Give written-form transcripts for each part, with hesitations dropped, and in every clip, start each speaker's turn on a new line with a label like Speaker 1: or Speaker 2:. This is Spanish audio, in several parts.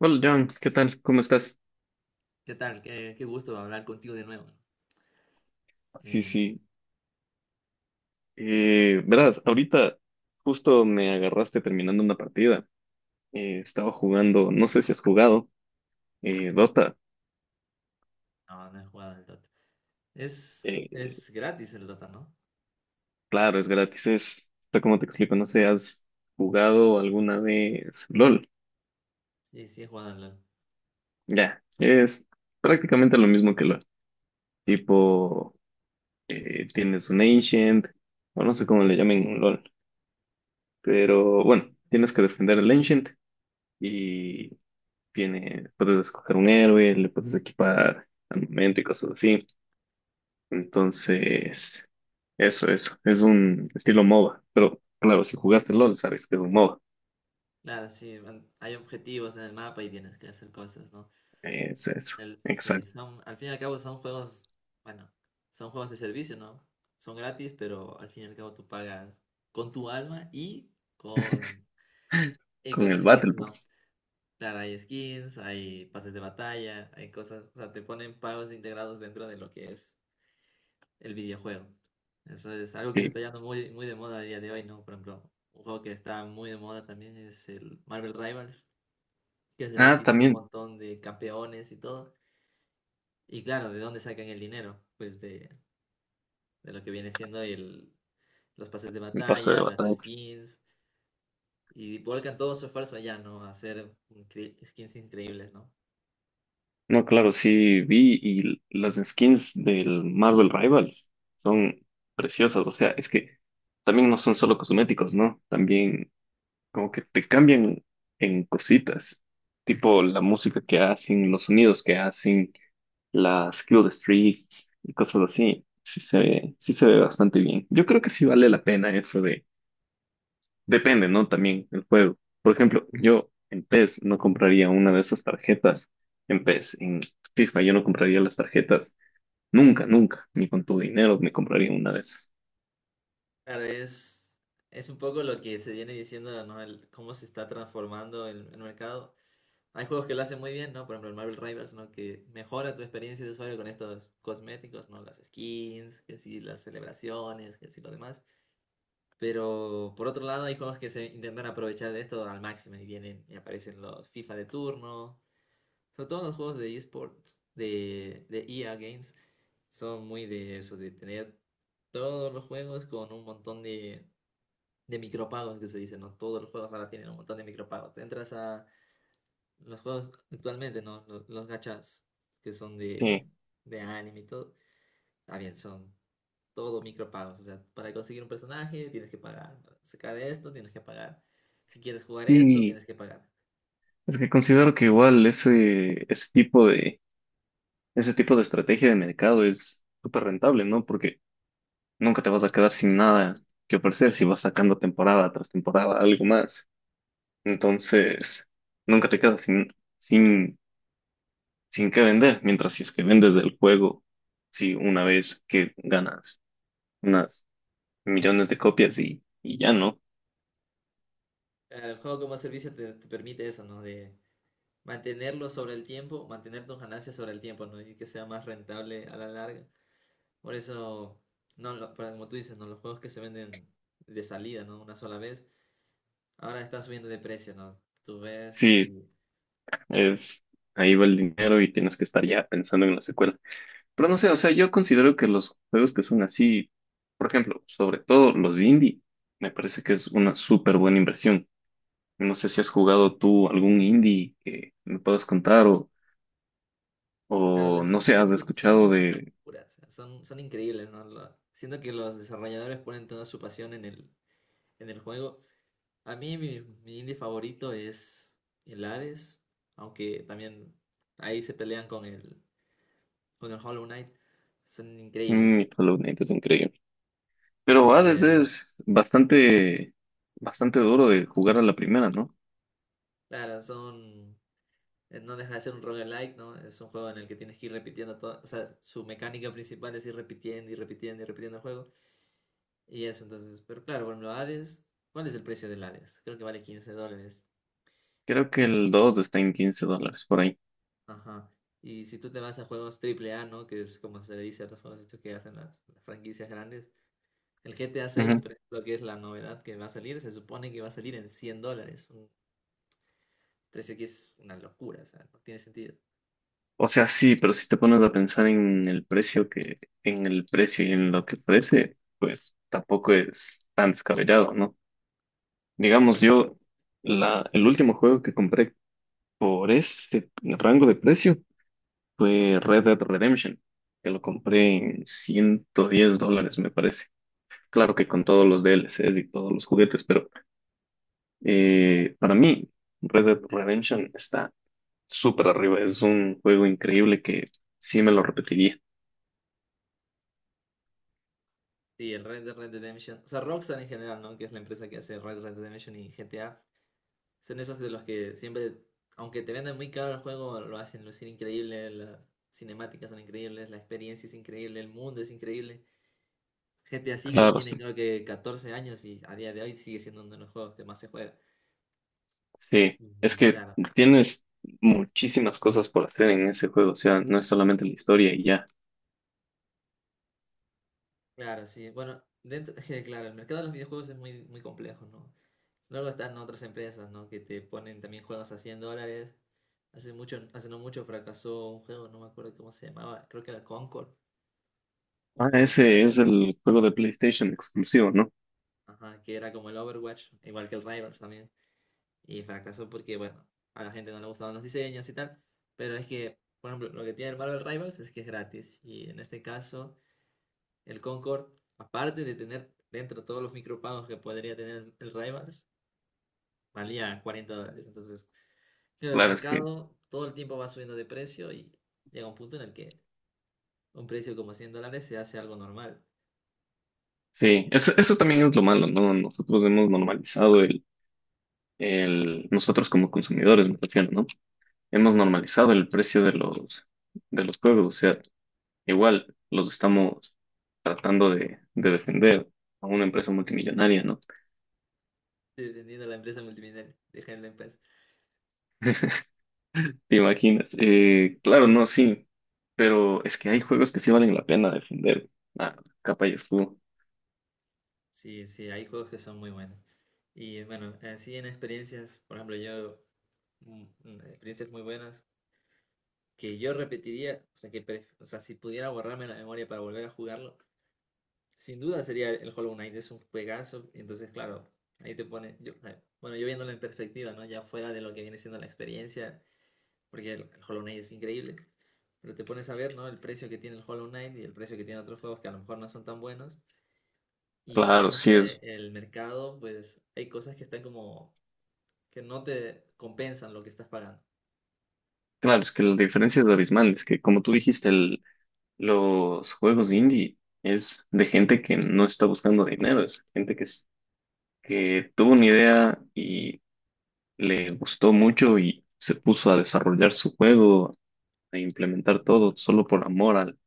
Speaker 1: Hola John, ¿qué tal? ¿Cómo estás?
Speaker 2: ¿Qué tal? Qué gusto hablar contigo de nuevo.
Speaker 1: Sí,
Speaker 2: Eh,
Speaker 1: sí. Verás, ahorita justo me agarraste terminando una partida. Estaba jugando, no sé si has jugado, Dota.
Speaker 2: no, no he jugado al Dota. Es,
Speaker 1: Eh,
Speaker 2: es gratis el Dota, ¿no?
Speaker 1: claro, es gratis, o sea, ¿cómo te explico? No sé, ¿has jugado alguna vez LOL?
Speaker 2: Sí, sí he jugado al LoL.
Speaker 1: Ya, es prácticamente lo mismo que LOL. Tipo, tienes un Ancient, o no sé cómo le llamen en LOL, pero bueno, tienes que defender el Ancient y puedes escoger un héroe, le puedes equipar armamento y cosas así. Entonces, eso, eso. Es un estilo MOBA. Pero claro, si jugaste LOL, sabes que es un MOBA.
Speaker 2: Claro, sí, hay objetivos en el mapa y tienes que hacer cosas, ¿no?
Speaker 1: Es eso.
Speaker 2: Sí,
Speaker 1: Exacto.
Speaker 2: son, al fin y al cabo son juegos, bueno, son juegos de servicio, ¿no? Son gratis, pero al fin y al cabo tú pagas con tu alma y con, y
Speaker 1: Con
Speaker 2: con
Speaker 1: el
Speaker 2: skins,
Speaker 1: Battle
Speaker 2: ¿no?
Speaker 1: Pass.
Speaker 2: Claro, hay skins, hay pases de batalla, hay cosas, o sea, te ponen pagos integrados dentro de lo que es el videojuego. Eso es algo que se
Speaker 1: Sí.
Speaker 2: está yendo muy, muy de moda a día de hoy, ¿no? Por ejemplo, un juego que está muy de moda también es el Marvel Rivals, que es
Speaker 1: Ah,
Speaker 2: gratis, tiene un
Speaker 1: también.
Speaker 2: montón de campeones y todo. Y claro, ¿de dónde sacan el dinero? Pues de lo que viene siendo los pases de
Speaker 1: El pase de
Speaker 2: batalla, las
Speaker 1: batalla.
Speaker 2: skins, y volcan todo su esfuerzo allá, ¿no? A hacer skins increíbles, ¿no?
Speaker 1: No, claro, sí vi, y las skins del Marvel Rivals son preciosas. O sea, es que también no son solo cosméticos, ¿no? También como que te cambian en cositas, tipo la música que hacen, los sonidos que hacen, las kill the streets y cosas así. Sí se ve bastante bien. Yo creo que sí vale la pena eso de, depende, ¿no? También el juego. Por ejemplo, yo en PES no compraría una de esas tarjetas. En PES, en FIFA yo no compraría las tarjetas. Nunca, nunca, ni con tu dinero me compraría una de esas.
Speaker 2: Claro, es un poco lo que se viene diciendo, ¿no? Cómo se está transformando el mercado. Hay juegos que lo hacen muy bien, ¿no? Por ejemplo, el Marvel Rivals, ¿no? Que mejora tu experiencia de usuario con estos cosméticos, ¿no? Las skins, que sí, las celebraciones, que sí, lo demás. Pero por otro lado, hay juegos que se intentan aprovechar de esto al máximo y vienen y aparecen los FIFA de turno. Sobre todo los juegos de esports, de EA Games, son muy de eso, de tener todos los juegos con un montón de micropagos que se dice, ¿no? Todos los juegos ahora tienen un montón de micropagos. Te entras a los juegos actualmente, ¿no? Los gachas que son de,
Speaker 1: Sí.
Speaker 2: de anime y todo. También son todo micropagos. O sea, para conseguir un personaje tienes que pagar. Para sacar esto tienes que pagar. Si quieres jugar esto
Speaker 1: Y
Speaker 2: tienes que pagar.
Speaker 1: es que considero que igual ese tipo de estrategia de mercado es súper rentable, ¿no? Porque nunca te vas a quedar sin nada que ofrecer si vas sacando temporada tras temporada algo más. Entonces, nunca te quedas sin qué vender, mientras si es que vendes el juego, si una vez que ganas unas millones de copias y ya, ¿no?
Speaker 2: El juego como servicio te permite eso, ¿no? De mantenerlo sobre el tiempo, mantener tus ganancias sobre el tiempo, ¿no? Y que sea más rentable a la larga. Por eso, no, como tú dices, ¿no? Los juegos que se venden de salida, ¿no? Una sola vez, ahora están subiendo de precio, ¿no? Tú ves
Speaker 1: Sí,
Speaker 2: y
Speaker 1: es ahí va el dinero y tienes que estar ya pensando en la secuela. Pero no sé, o sea, yo considero que los juegos que son así, por ejemplo, sobre todo los indie, me parece que es una súper buena inversión. No sé si has jugado tú algún indie que me puedas contar o,
Speaker 2: Claro,
Speaker 1: o no
Speaker 2: los
Speaker 1: sé, has
Speaker 2: indies son
Speaker 1: escuchado
Speaker 2: una
Speaker 1: de...
Speaker 2: locura, o sea, son increíbles, ¿no? Siento que los desarrolladores ponen toda su pasión en en el juego. A mí mi indie favorito es el Hades, aunque también ahí se pelean con el Hollow Knight. Son increíbles.
Speaker 1: Mm, Hollow Knight es increíble. Pero Hades
Speaker 2: Eh,
Speaker 1: es bastante, bastante duro de jugar a la primera, ¿no?
Speaker 2: claro, son no deja de ser un roguelike, ¿no? Es un juego en el que tienes que ir repitiendo todo. O sea, su mecánica principal es ir repitiendo y repitiendo y repitiendo el juego. Y eso, entonces. Pero claro, bueno, Hades. ¿Cuál es el precio del Hades? Creo que vale $15.
Speaker 1: Creo que el
Speaker 2: Y.
Speaker 1: 2 está en $15 por ahí.
Speaker 2: Ajá. Y si tú te vas a juegos triple A, ¿no? Que es como se le dice a los juegos estos que hacen las franquicias grandes. El G GTA 6, por ejemplo, que es la novedad que va a salir, se supone que va a salir en $100. Un precio que es una locura, o sea, no tiene sentido.
Speaker 1: O sea, sí, pero si te pones a pensar en el precio que, en el precio y en lo que ofrece, pues tampoco es tan descabellado, ¿no? Digamos, yo, el último juego que compré por ese rango de precio fue Red Dead Redemption, que lo compré en $110, me parece. Claro que con todos los DLCs y todos los juguetes, pero para mí, Red Dead Redemption está súper arriba. Es un juego increíble que sí me lo repetiría.
Speaker 2: Sí, el Red Dead Redemption. O sea, Rockstar en general, ¿no? Que es la empresa que hace Red Dead Redemption y GTA. Son esos de los que siempre, aunque te venden muy caro el juego, lo hacen lucir increíble. Las cinemáticas son increíbles, la experiencia es increíble, el mundo es increíble. GTA 5
Speaker 1: Claro,
Speaker 2: tiene creo que 14 años y a día de hoy sigue siendo uno de los juegos que más se juega.
Speaker 1: sí, es
Speaker 2: Y
Speaker 1: que
Speaker 2: claro,
Speaker 1: tienes muchísimas cosas por hacer en ese juego, o sea, no es solamente la historia y ya.
Speaker 2: claro, sí. Bueno, dentro, claro, el mercado de los videojuegos es muy, muy complejo, ¿no? Luego están otras empresas, ¿no? Que te ponen también juegos a $100. Hace mucho, hace no mucho fracasó un juego, no me acuerdo cómo se llamaba, creo que era Concord, un
Speaker 1: Ah,
Speaker 2: juego que era,
Speaker 1: ese es el juego de PlayStation exclusivo, ¿no?
Speaker 2: ajá, que era como el Overwatch, igual que el Rivals también. Y fracasó porque, bueno, a la gente no le gustaban los diseños y tal. Pero es que, por ejemplo, lo que tiene el Marvel Rivals es que es gratis. Y en este caso, el Concord, aparte de tener dentro todos los micropagos que podría tener el Rivals, valía $40. Entonces, claro, el
Speaker 1: Claro, es que
Speaker 2: mercado todo el tiempo va subiendo de precio y llega un punto en el que un precio como $100 se hace algo normal,
Speaker 1: sí, eso también es lo malo, ¿no? Nosotros hemos normalizado nosotros como consumidores, me refiero, ¿no? Hemos normalizado el precio de los, juegos, o sea, igual los estamos tratando de defender a una empresa multimillonaria, ¿no?
Speaker 2: dependiendo de la empresa multinivel, deja la empresa.
Speaker 1: ¿Te imaginas? Claro, no, sí, pero es que hay juegos que sí valen la pena defender. Ah, capa y escudo.
Speaker 2: Sí, sí, hay juegos que son muy buenos. Y bueno, así en experiencias, por ejemplo, yo, experiencias muy buenas que yo repetiría, o sea, que o sea, si pudiera borrarme la memoria para volver a jugarlo, sin duda sería el Hollow Knight, es un juegazo. Entonces, claro, ahí te pone. Bueno, yo viéndolo en perspectiva, ¿no? Ya fuera de lo que viene siendo la experiencia, porque el Hollow Knight es increíble. Pero te pones a ver, ¿no? El precio que tiene el Hollow Knight y el precio que tiene otros juegos que a lo mejor no son tan buenos. Y
Speaker 1: Claro,
Speaker 2: piensas
Speaker 1: sí
Speaker 2: que
Speaker 1: es.
Speaker 2: el mercado, pues hay cosas que están como que no te compensan lo que estás pagando.
Speaker 1: Claro, es que la diferencia es abismal. Es que, como tú dijiste, los juegos indie es de gente que no está buscando dinero, es gente que, que tuvo una idea y le gustó mucho y se puso a desarrollar su juego, a implementar todo solo por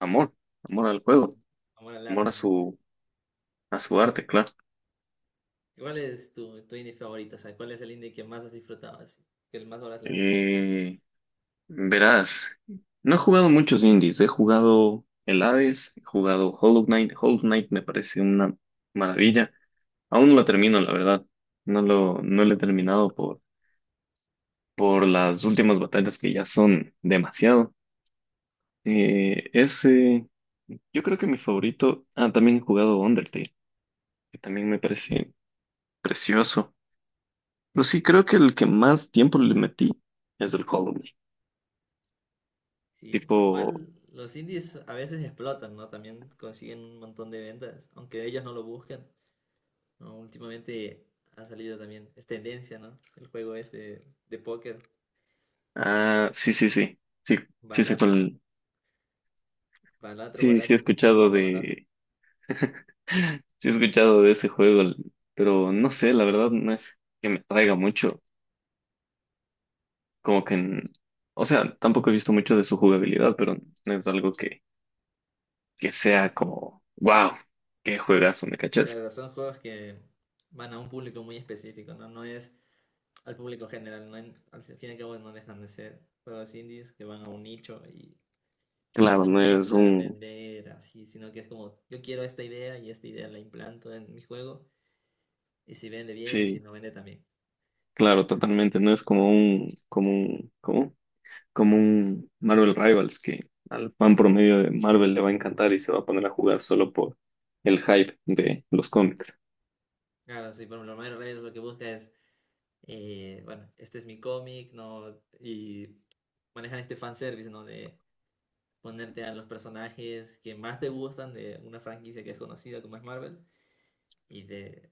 Speaker 1: amor, amor al juego,
Speaker 2: Amor al
Speaker 1: amor a
Speaker 2: arte, ¿no?
Speaker 1: su, a su arte, claro.
Speaker 2: ¿Cuál es tu indie favorito? O sea, ¿cuál es el indie que más has disfrutado? ¿Así? ¿Que el más horas le has echado?
Speaker 1: Eh, Verás, no he jugado muchos indies, he jugado el Hades, he jugado Hollow Knight. Hollow Knight me parece una maravilla. Aún no lo termino, la verdad. No lo he terminado por las últimas batallas que ya son demasiado. Ese, yo creo que mi favorito, también he jugado Undertale, que también me parece precioso. Pero sí, creo que el que más tiempo le metí es el Hollow Knight.
Speaker 2: Sí,
Speaker 1: Tipo,
Speaker 2: igual los indies a veces explotan, ¿no? También consiguen un montón de ventas, aunque ellos no lo buscan, ¿no? Últimamente ha salido también, es tendencia, ¿no? El juego este de póker,
Speaker 1: ah, sí, sí, sí, sí, sí sé
Speaker 2: Balatro,
Speaker 1: cuál.
Speaker 2: Balatro,
Speaker 1: Sí, sí he
Speaker 2: Balatro, se está
Speaker 1: escuchado
Speaker 2: jugando Balatro.
Speaker 1: de, sí he escuchado de ese juego, pero no sé, la verdad no es que me traiga mucho, como que, o sea, tampoco he visto mucho de su jugabilidad, pero no es algo que sea como, wow, qué juegazo, ¿me cachas?
Speaker 2: Claro, son juegos que van a un público muy específico, ¿no? No es al público general, ¿no? Al fin y al cabo no dejan de ser juegos indies que van a un nicho y,
Speaker 1: Claro,
Speaker 2: no
Speaker 1: no es
Speaker 2: buscan
Speaker 1: un,
Speaker 2: vender así, sino que es como, yo quiero esta idea y esta idea la implanto en mi juego. Y si vende bien y si
Speaker 1: sí,
Speaker 2: no vende también.
Speaker 1: claro, totalmente,
Speaker 2: Así.
Speaker 1: no es como un Marvel Rivals que al fan promedio de Marvel le va a encantar y se va a poner a jugar solo por el hype de los cómics.
Speaker 2: Claro, sí, por lo menos Reyes lo que busca es, bueno, este es mi cómic, ¿no? Y manejan este fanservice, ¿no? De ponerte a los personajes que más te gustan de una franquicia que es conocida como es Marvel y de,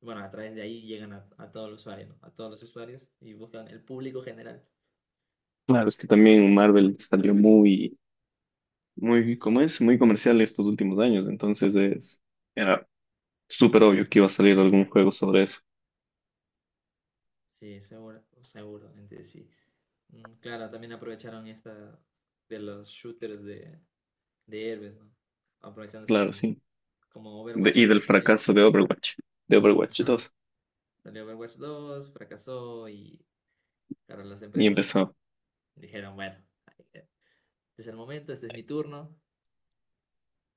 Speaker 2: bueno, a través de ahí llegan a todo el usuario, ¿no? A todos los usuarios y buscan el público general.
Speaker 1: Claro, es que también Marvel salió muy, muy, ¿cómo es? Muy comercial estos últimos años, entonces era súper obvio que iba a salir algún juego sobre eso.
Speaker 2: Sí, seguro, seguramente sí. Claro, también aprovecharon esta de los shooters de héroes, ¿no? Aprovechándose
Speaker 1: Claro,
Speaker 2: del,
Speaker 1: sí.
Speaker 2: como Overwatch
Speaker 1: Y del
Speaker 2: 2 también.
Speaker 1: fracaso de Overwatch, de Overwatch
Speaker 2: Ajá.
Speaker 1: dos,
Speaker 2: Salió Overwatch 2, fracasó y claro, las
Speaker 1: Y
Speaker 2: empresas
Speaker 1: empezó.
Speaker 2: dijeron, bueno, este es el momento, este es mi turno,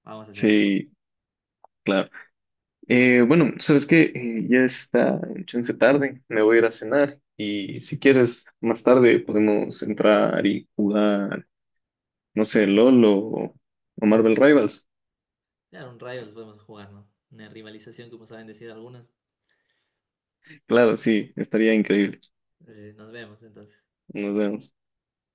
Speaker 2: vamos a hacerlo, ¿no?
Speaker 1: Sí, claro. Bueno, ¿sabes qué? Ya está en chance tarde, me voy a ir a cenar y si quieres, más tarde podemos entrar y jugar, no sé, LOL o Marvel Rivals.
Speaker 2: Claro, un Rivals podemos jugar, ¿no? Una rivalización, como saben decir algunos.
Speaker 1: Claro, sí, estaría increíble.
Speaker 2: Así, nos vemos entonces.
Speaker 1: Nos vemos.